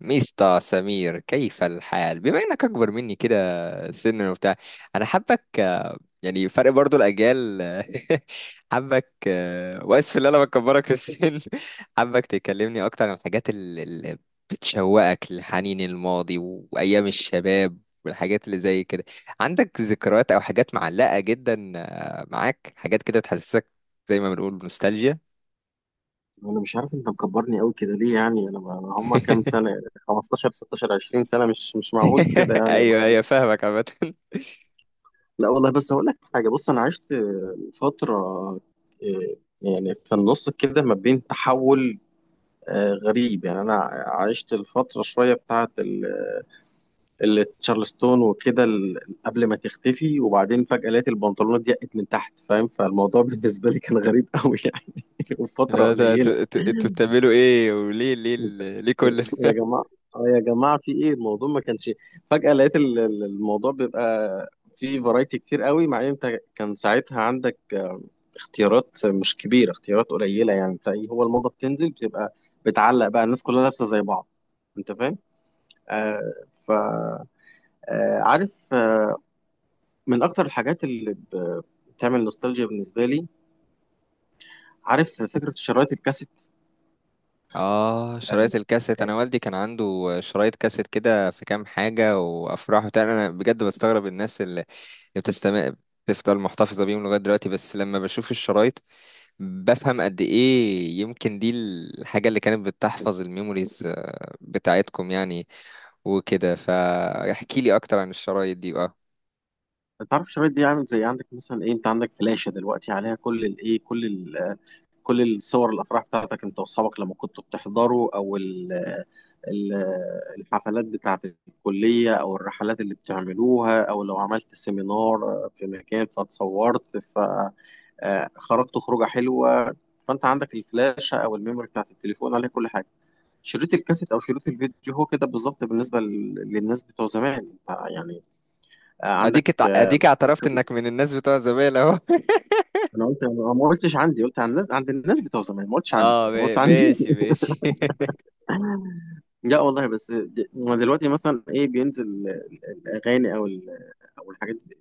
ميستا سمير، كيف الحال؟ بما انك اكبر مني كده سنا وبتاع، انا حابك. يعني فرق برضو الاجيال. حابك واسف ان انا بكبرك في السن. حابك تكلمني اكتر عن الحاجات اللي بتشوقك لحنين الماضي وايام الشباب والحاجات اللي زي كده. عندك ذكريات او حاجات معلقة جدا؟ معاك حاجات كده بتحسسك زي ما بنقول بنوستالجيا؟ انا مش عارف انت مكبرني قوي كده ليه يعني انا هم كام سنه يعني 15 16 20 سنه مش معقول كده يعني. ايوه ايوه، فاهمك عامة. لا والله بس هقول لك حاجه، بص انا عشت فتره، آه، يعني في النص كده ما بين تحول، غريب يعني. انا عشت الفتره شويه بتاعه تشارلستون وكده قبل ما تختفي، وبعدين فجاه لقيت البنطلونات ضيقت من تحت، فاهم؟ فالموضوع بالنسبه لي كان غريب قوي يعني. اللي هو وفتره انتوا قليله انتوا- انتوا- انتوا بتعملوا ايه؟ وليه ليه كل يا ده؟ جماعة، اه يا جماعة في ايه الموضوع؟ ما كانش فجأة لقيت الموضوع بيبقى فيه فرايتي كتير قوي، مع ان انت كان ساعتها عندك اختيارات مش كبيرة، اختيارات قليلة يعني. انت ايه هو الموضة بتنزل بتبقى بتعلق بقى الناس كلها لابسة زي بعض، انت فاهم؟ آه ف آه عارف آه، من اكتر الحاجات اللي بتعمل نوستالجيا بالنسبة لي، عارف فكرة شرايط الكاسيت؟ اه، آه آه، شرايط الكاسيت. انا والدي كان عنده شرايط كاسيت كده في كام حاجه وافراح وبتاع. انا بجد بستغرب الناس اللي بتستمع، بتفضل محتفظه بيهم لغايه دلوقتي. بس لما بشوف الشرايط بفهم قد ايه يمكن دي الحاجه اللي كانت بتحفظ الميموريز بتاعتكم يعني. وكده فاحكي لي اكتر عن الشرايط دي بقى. تعرف الشرايط دي عامل زي عندك مثلا ايه، انت عندك فلاشة دلوقتي عليها كل الايه كل ال كل الصور، الافراح بتاعتك انت واصحابك لما كنتوا بتحضروا، او ال ال الحفلات بتاعت الكلية، او الرحلات اللي بتعملوها، او لو عملت سيمينار في مكان فاتصورت فخرجت خروجة حلوة. فانت عندك الفلاشة او الميموري بتاعت التليفون عليها كل حاجة. شريط الكاسيت او شريط الفيديو هو كده بالظبط بالنسبه للناس بتوع زمان، انت يعني عندك اديك اعترفت انك من الناس بتوع زمان اهو. انا قلت انا ما قلتش عندي، قلت عن الناس، عند الناس بتوع زمان، ما قلتش عندي، اه، انا قلت عندي. ماشي ماشي. لا والله بس ما دلوقتي مثلا ايه بينزل الاغاني او او الحاجات دي،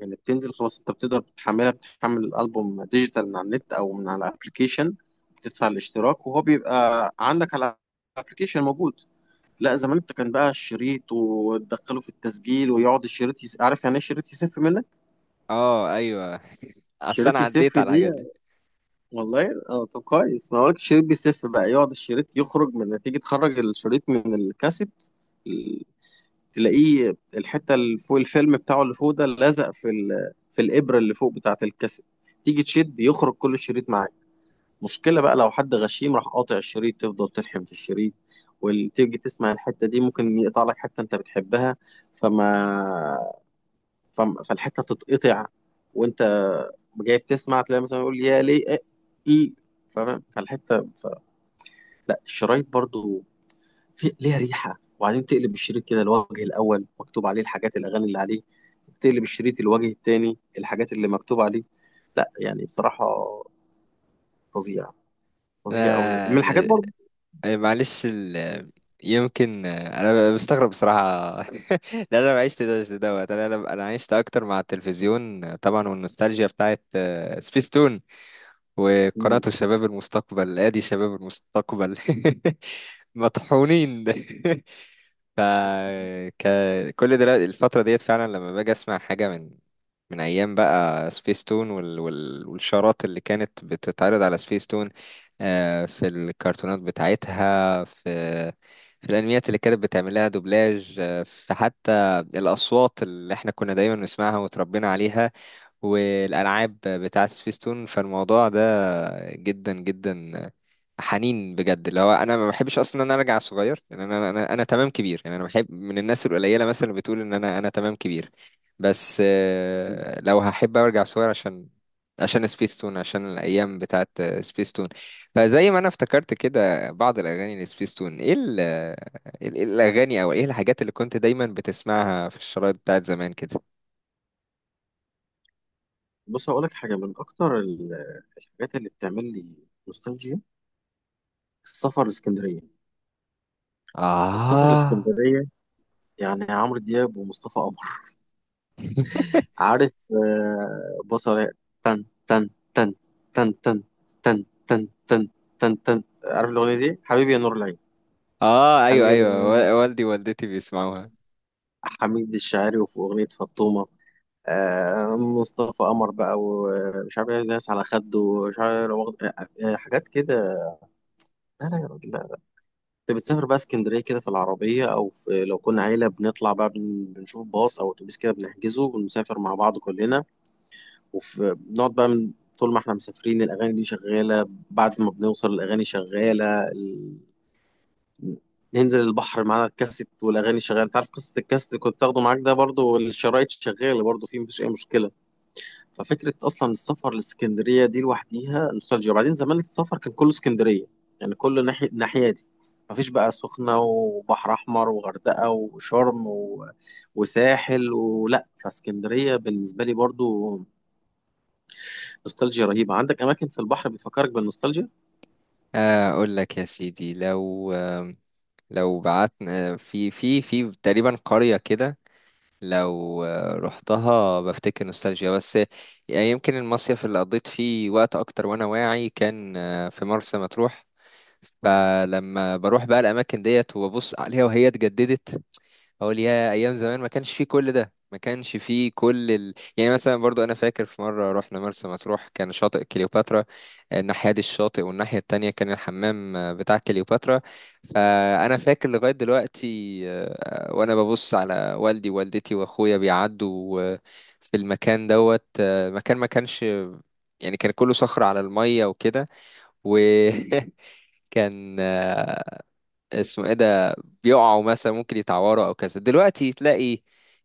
يعني بتنزل خلاص، انت بتقدر تحملها، بتحمل الالبوم ديجيتال من على النت او من على الابلكيشن، بتدفع الاشتراك وهو بيبقى عندك على الابلكيشن موجود. لا زمان انت كان بقى الشريط وتدخله في التسجيل ويقعد الشريط يس... عارف يعني ايه شريط يسف منك؟ اه ايوه، اصل انا شريط عديت يسف على دي الحاجات دي. والله. اه طب كويس، ما هو لك الشريط بيسف بقى، يقعد الشريط يخرج من، تيجي تخرج الشريط من الكاسيت، ال- تلاقيه الحته اللي فوق الفيلم بتاعه اللي فوق ده لازق في ال... في الابره اللي فوق بتاعه الكاسيت، تيجي تشد يخرج كل الشريط معاك. مشكله بقى لو حد غشيم راح قاطع الشريط، تفضل تلحم في الشريط، وتيجي تسمع الحته دي ممكن يقطع لك حته انت بتحبها. فما فالحته تتقطع، وانت جاي بتسمع تلاقي مثلا يقول يا ليه إيه إيه. فاهم فالحته ف... لا الشرايط برضو في ليها ريحه. وبعدين تقلب الشريط كده، الوجه الاول مكتوب عليه الحاجات الاغاني اللي عليه، تقلب الشريط الوجه التاني الحاجات اللي مكتوب عليه. لا يعني بصراحه فظيع، فظيع قوي لا من الحاجات ل- برضو. معلش يمكن انا مستغرب بصراحه. لا، انا ما عشت ده دوت. انا انا أنا عشت اكتر مع التلفزيون طبعا، والنوستالجيا بتاعت سبيستون وقناه مم. شباب المستقبل. ادي شباب المستقبل. مطحونين. ف ك... كل دلوقتي الفترة ديت، فعلا لما باجي اسمع حاجة من ايام بقى سبيس تون والشارات اللي كانت بتتعرض على سبيس تون، في الكرتونات بتاعتها، في في الانميات اللي كانت بتعمل لها دوبلاج، في حتى الاصوات اللي احنا كنا دايما نسمعها وتربينا عليها، والالعاب بتاعت سبيس تون. فالموضوع ده جدا جدا حنين بجد. اللي هو انا ما بحبش اصلا ان انا ارجع صغير، يعني انا تمام كبير. يعني انا بحب من الناس القليله مثلا اللي بتقول ان انا تمام كبير. بس مم. لو هحب ارجع صغير عشان عشان سبيستون، عشان الايام بتاعت سبيستون. فزي ما انا افتكرت كده بعض الاغاني لسبيستون، ايه ال- إيه ال- إيه الاغاني او ايه الحاجات اللي كنت دايما بتسمعها في الشرايط بتاعت زمان كده؟ بص هقول لك حاجه، من اكتر الحاجات اللي بتعمل لي نوستالجيا، السفر لاسكندريه. والسفر اه. لاسكندريه يعني عمرو دياب ومصطفى قمر، عارف بصرة، تن تن تن، تن تن، تن تن تن، تن تن، عارف الأغنية دي؟ حبيبي يا نور العين، اه ايوه حبيبي يا نور ايوه، العين. والدي ووالدتي بيسمعوها. حميد الشاعري، وفي أغنية فطومة، مصطفى قمر بقى، ومش عارف ايه ناس على خده، ومش عارف إيه، لو حاجات كده. لا يا راجل لا. انت بتسافر بقى اسكندريه كده في العربيه، او في لو كنا عيله بنطلع بقى، بنشوف باص او اتوبيس كده بنحجزه ونسافر مع بعض كلنا. وبنقعد بقى من، طول ما احنا مسافرين الأغاني دي شغالة، بعد ما بنوصل الأغاني شغالة ال... ننزل البحر معانا الكاسيت والأغاني شغالة. انت عارف قصة الكاسيت اللي كنت تاخده معاك ده، برضو الشرايط شغالة برضو، فيه مفيش أي مشكلة. ففكرة أصلا السفر لإسكندرية دي لوحديها نوستالجيا. وبعدين زمان السفر كان كله إسكندرية، يعني كله ناحية الناحية دي، مفيش بقى سخنة وبحر أحمر وغردقة وشرم و... وساحل ولا، فاسكندرية بالنسبة لي برضو نوستالجيا رهيبة. عندك أماكن في البحر بتفكرك بالنوستالجيا؟ اقول لك يا سيدي، لو لو بعتنا في في تقريبا قرية كده، لو رحتها بفتكر نوستالجيا. بس يعني يمكن المصيف اللي قضيت فيه وقت اكتر وانا واعي كان في مرسى مطروح. فلما بروح بقى الاماكن ديت وببص عليها وهي اتجددت، اقول يا ايام زمان، ما كانش فيه كل ده، ما كانش فيه يعني مثلا، برضو انا فاكر في مره رحنا مرسى مطروح كان شاطئ كليوباترا، الناحيه دي الشاطئ، والناحيه التانية كان الحمام بتاع كليوباترا. فانا فاكر لغايه دلوقتي وانا ببص على والدي ووالدتي واخويا بيعدوا في المكان دوت. مكان ما كانش، يعني كان كله صخر على الميه وكده. وكان اسمه ايه ده، بيقعوا مثلا ممكن يتعوروا او كذا. دلوقتي تلاقي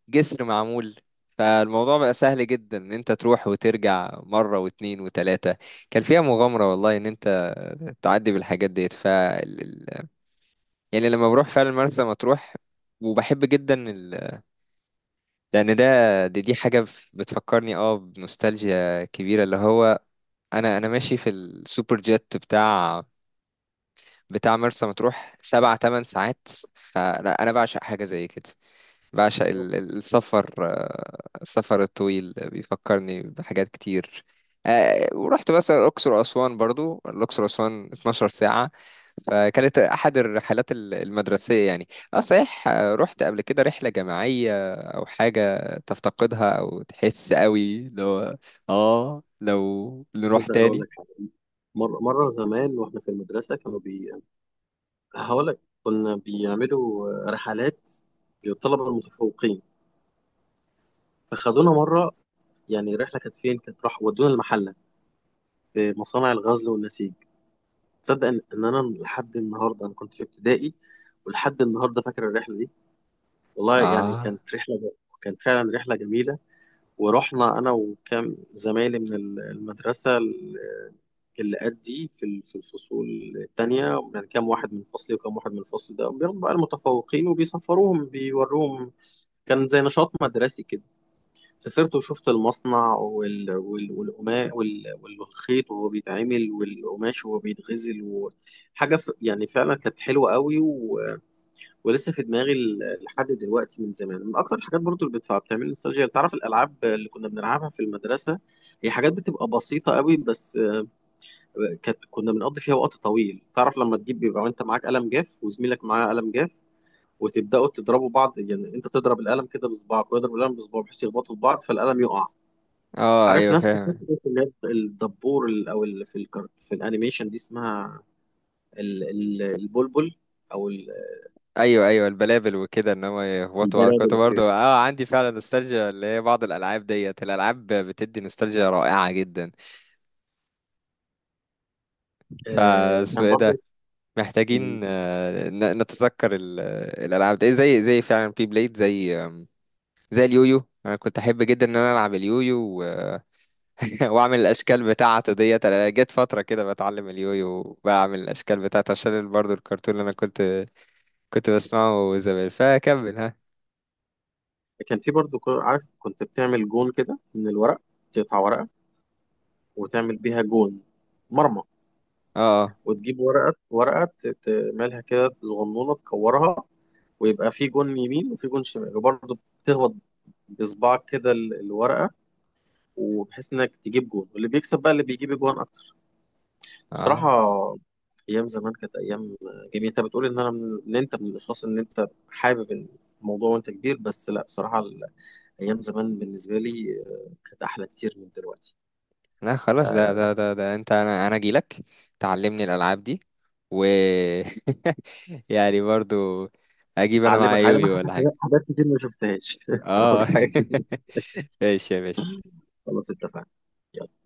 جسر معمول، فالموضوع بقى سهل جدا ان انت تروح وترجع مرة واتنين وتلاتة. كان فيها مغامرة والله ان انت تعدي بالحاجات ديت. يعني لما بروح فعلا مرسى مطروح وبحب جدا لان ده، دي حاجة بتفكرني اه بنوستالجيا كبيرة. اللي هو انا انا ماشي في السوبر جيت بتاع بتاع مرسى مطروح سبع تمن ساعات. فلا، انا بعشق حاجه زي كده. بعشق السفر. السفر الطويل بيفكرني بحاجات كتير. ورحت مثلا الأقصر وأسوان، برضو الأقصر وأسوان 12 ساعة. فكانت أحد الرحلات المدرسية يعني. أه صحيح، رحت قبل كده رحلة جماعية أو حاجة تفتقدها أو تحس قوي اللي هو آه لو نروح تصدق هقول تاني؟ لك حاجة، مرة زمان وإحنا في المدرسة كانوا هقول لك كنا بيعملوا رحلات للطلبة المتفوقين، فخدونا مرة، يعني الرحلة كانت فين؟ كانت راح ودونا المحلة، في مصانع الغزل والنسيج. تصدق إن أنا لحد النهاردة، أنا كنت في ابتدائي، ولحد النهاردة فاكر الرحلة دي. والله يعني آه. كانت رحلة، كانت فعلا رحلة جميلة. ورحنا انا وكام زمايلي من المدرسه اللي قد دي، في في الفصول التانية، يعني كام واحد من فصلي وكام واحد من الفصل ده بياخدوا بقى المتفوقين وبيسفروهم بيوروهم. كان زي نشاط مدرسي كده. سافرت وشفت المصنع وال... وال... والقماش وال... والخيط وهو بيتعمل، والقماش وهو بيتغزل، وحاجة ف... يعني فعلا كانت حلوة قوي. ولسه في دماغي لحد دلوقتي، من زمان، من اكتر الحاجات برضو اللي بتعمل لي نوستالجيا، تعرف الالعاب اللي كنا بنلعبها في المدرسه، هي حاجات بتبقى بسيطه قوي بس آه، كانت كنا بنقضي فيها وقت طويل. تعرف لما تجيب بيبقى وانت معاك قلم جاف وزميلك معاه قلم جاف، وتبداوا تضربوا بعض، يعني انت تضرب القلم كده بصباعك ويضرب القلم بصباعه، بحيث يخبطوا في بعض فالقلم يقع. آه عارف أيوة، نفس فكره فاهم. اللي هي الدبور في في الانيميشن دي، اسمها البلبل او ال- ايوه ايوه، البلابل وكده، ان هم يخبطوا بعض. البلابل كنت برضه والحاجات دي. اه عندي فعلا نوستالجيا اللي هي بعض الالعاب ديت. الالعاب بتدي نوستالجيا رائعه جدا. آه، فاسمه كان ايه ده؟ برضه محتاجين نتذكر الالعاب دي زي زي فعلا بي بليد، زي زي اليويو. انا كنت احب جدا ان انا العب اليويو واعمل الاشكال بتاعته ديت. انا جت فتره كده بتعلم اليويو وبعمل الاشكال بتاعته عشان برضه الكرتون اللي انا كنت بسمعه زمان. فكمل ها. كان في برضو عارف كنت بتعمل جون كده من الورق، تقطع ورقة وتعمل بيها جون، مرمى، اه. وتجيب ورقة تعملها كده صغنونة تكورها، ويبقى في جون يمين وفي جون شمال، وبرضو بتخبط بصباعك كده الورقة، وبحيث انك تجيب جون، واللي بيكسب بقى اللي بيجيب جون اكتر. اه بصراحة ايام زمان كانت ايام جميلة. انت بتقول ان انا من... ان انت من الاشخاص ان انت حابب الموضوع وانت كبير، بس لا بصراحة ايام زمان بالنسبه لي كانت احلى كتير من دلوقتي. لا خلاص ده أه ده، انت انا انا اجيلك تعلمني الالعاب دي و يعني برضو اجيب انا هعلمك، معايا هعلمك يويو ولا حاجه؟ حاجات، حاجات كتير ما شفتهاش. اه. اوريك حاجات كتير. ماشي يا باشا. خلاص اتفقنا. يلا.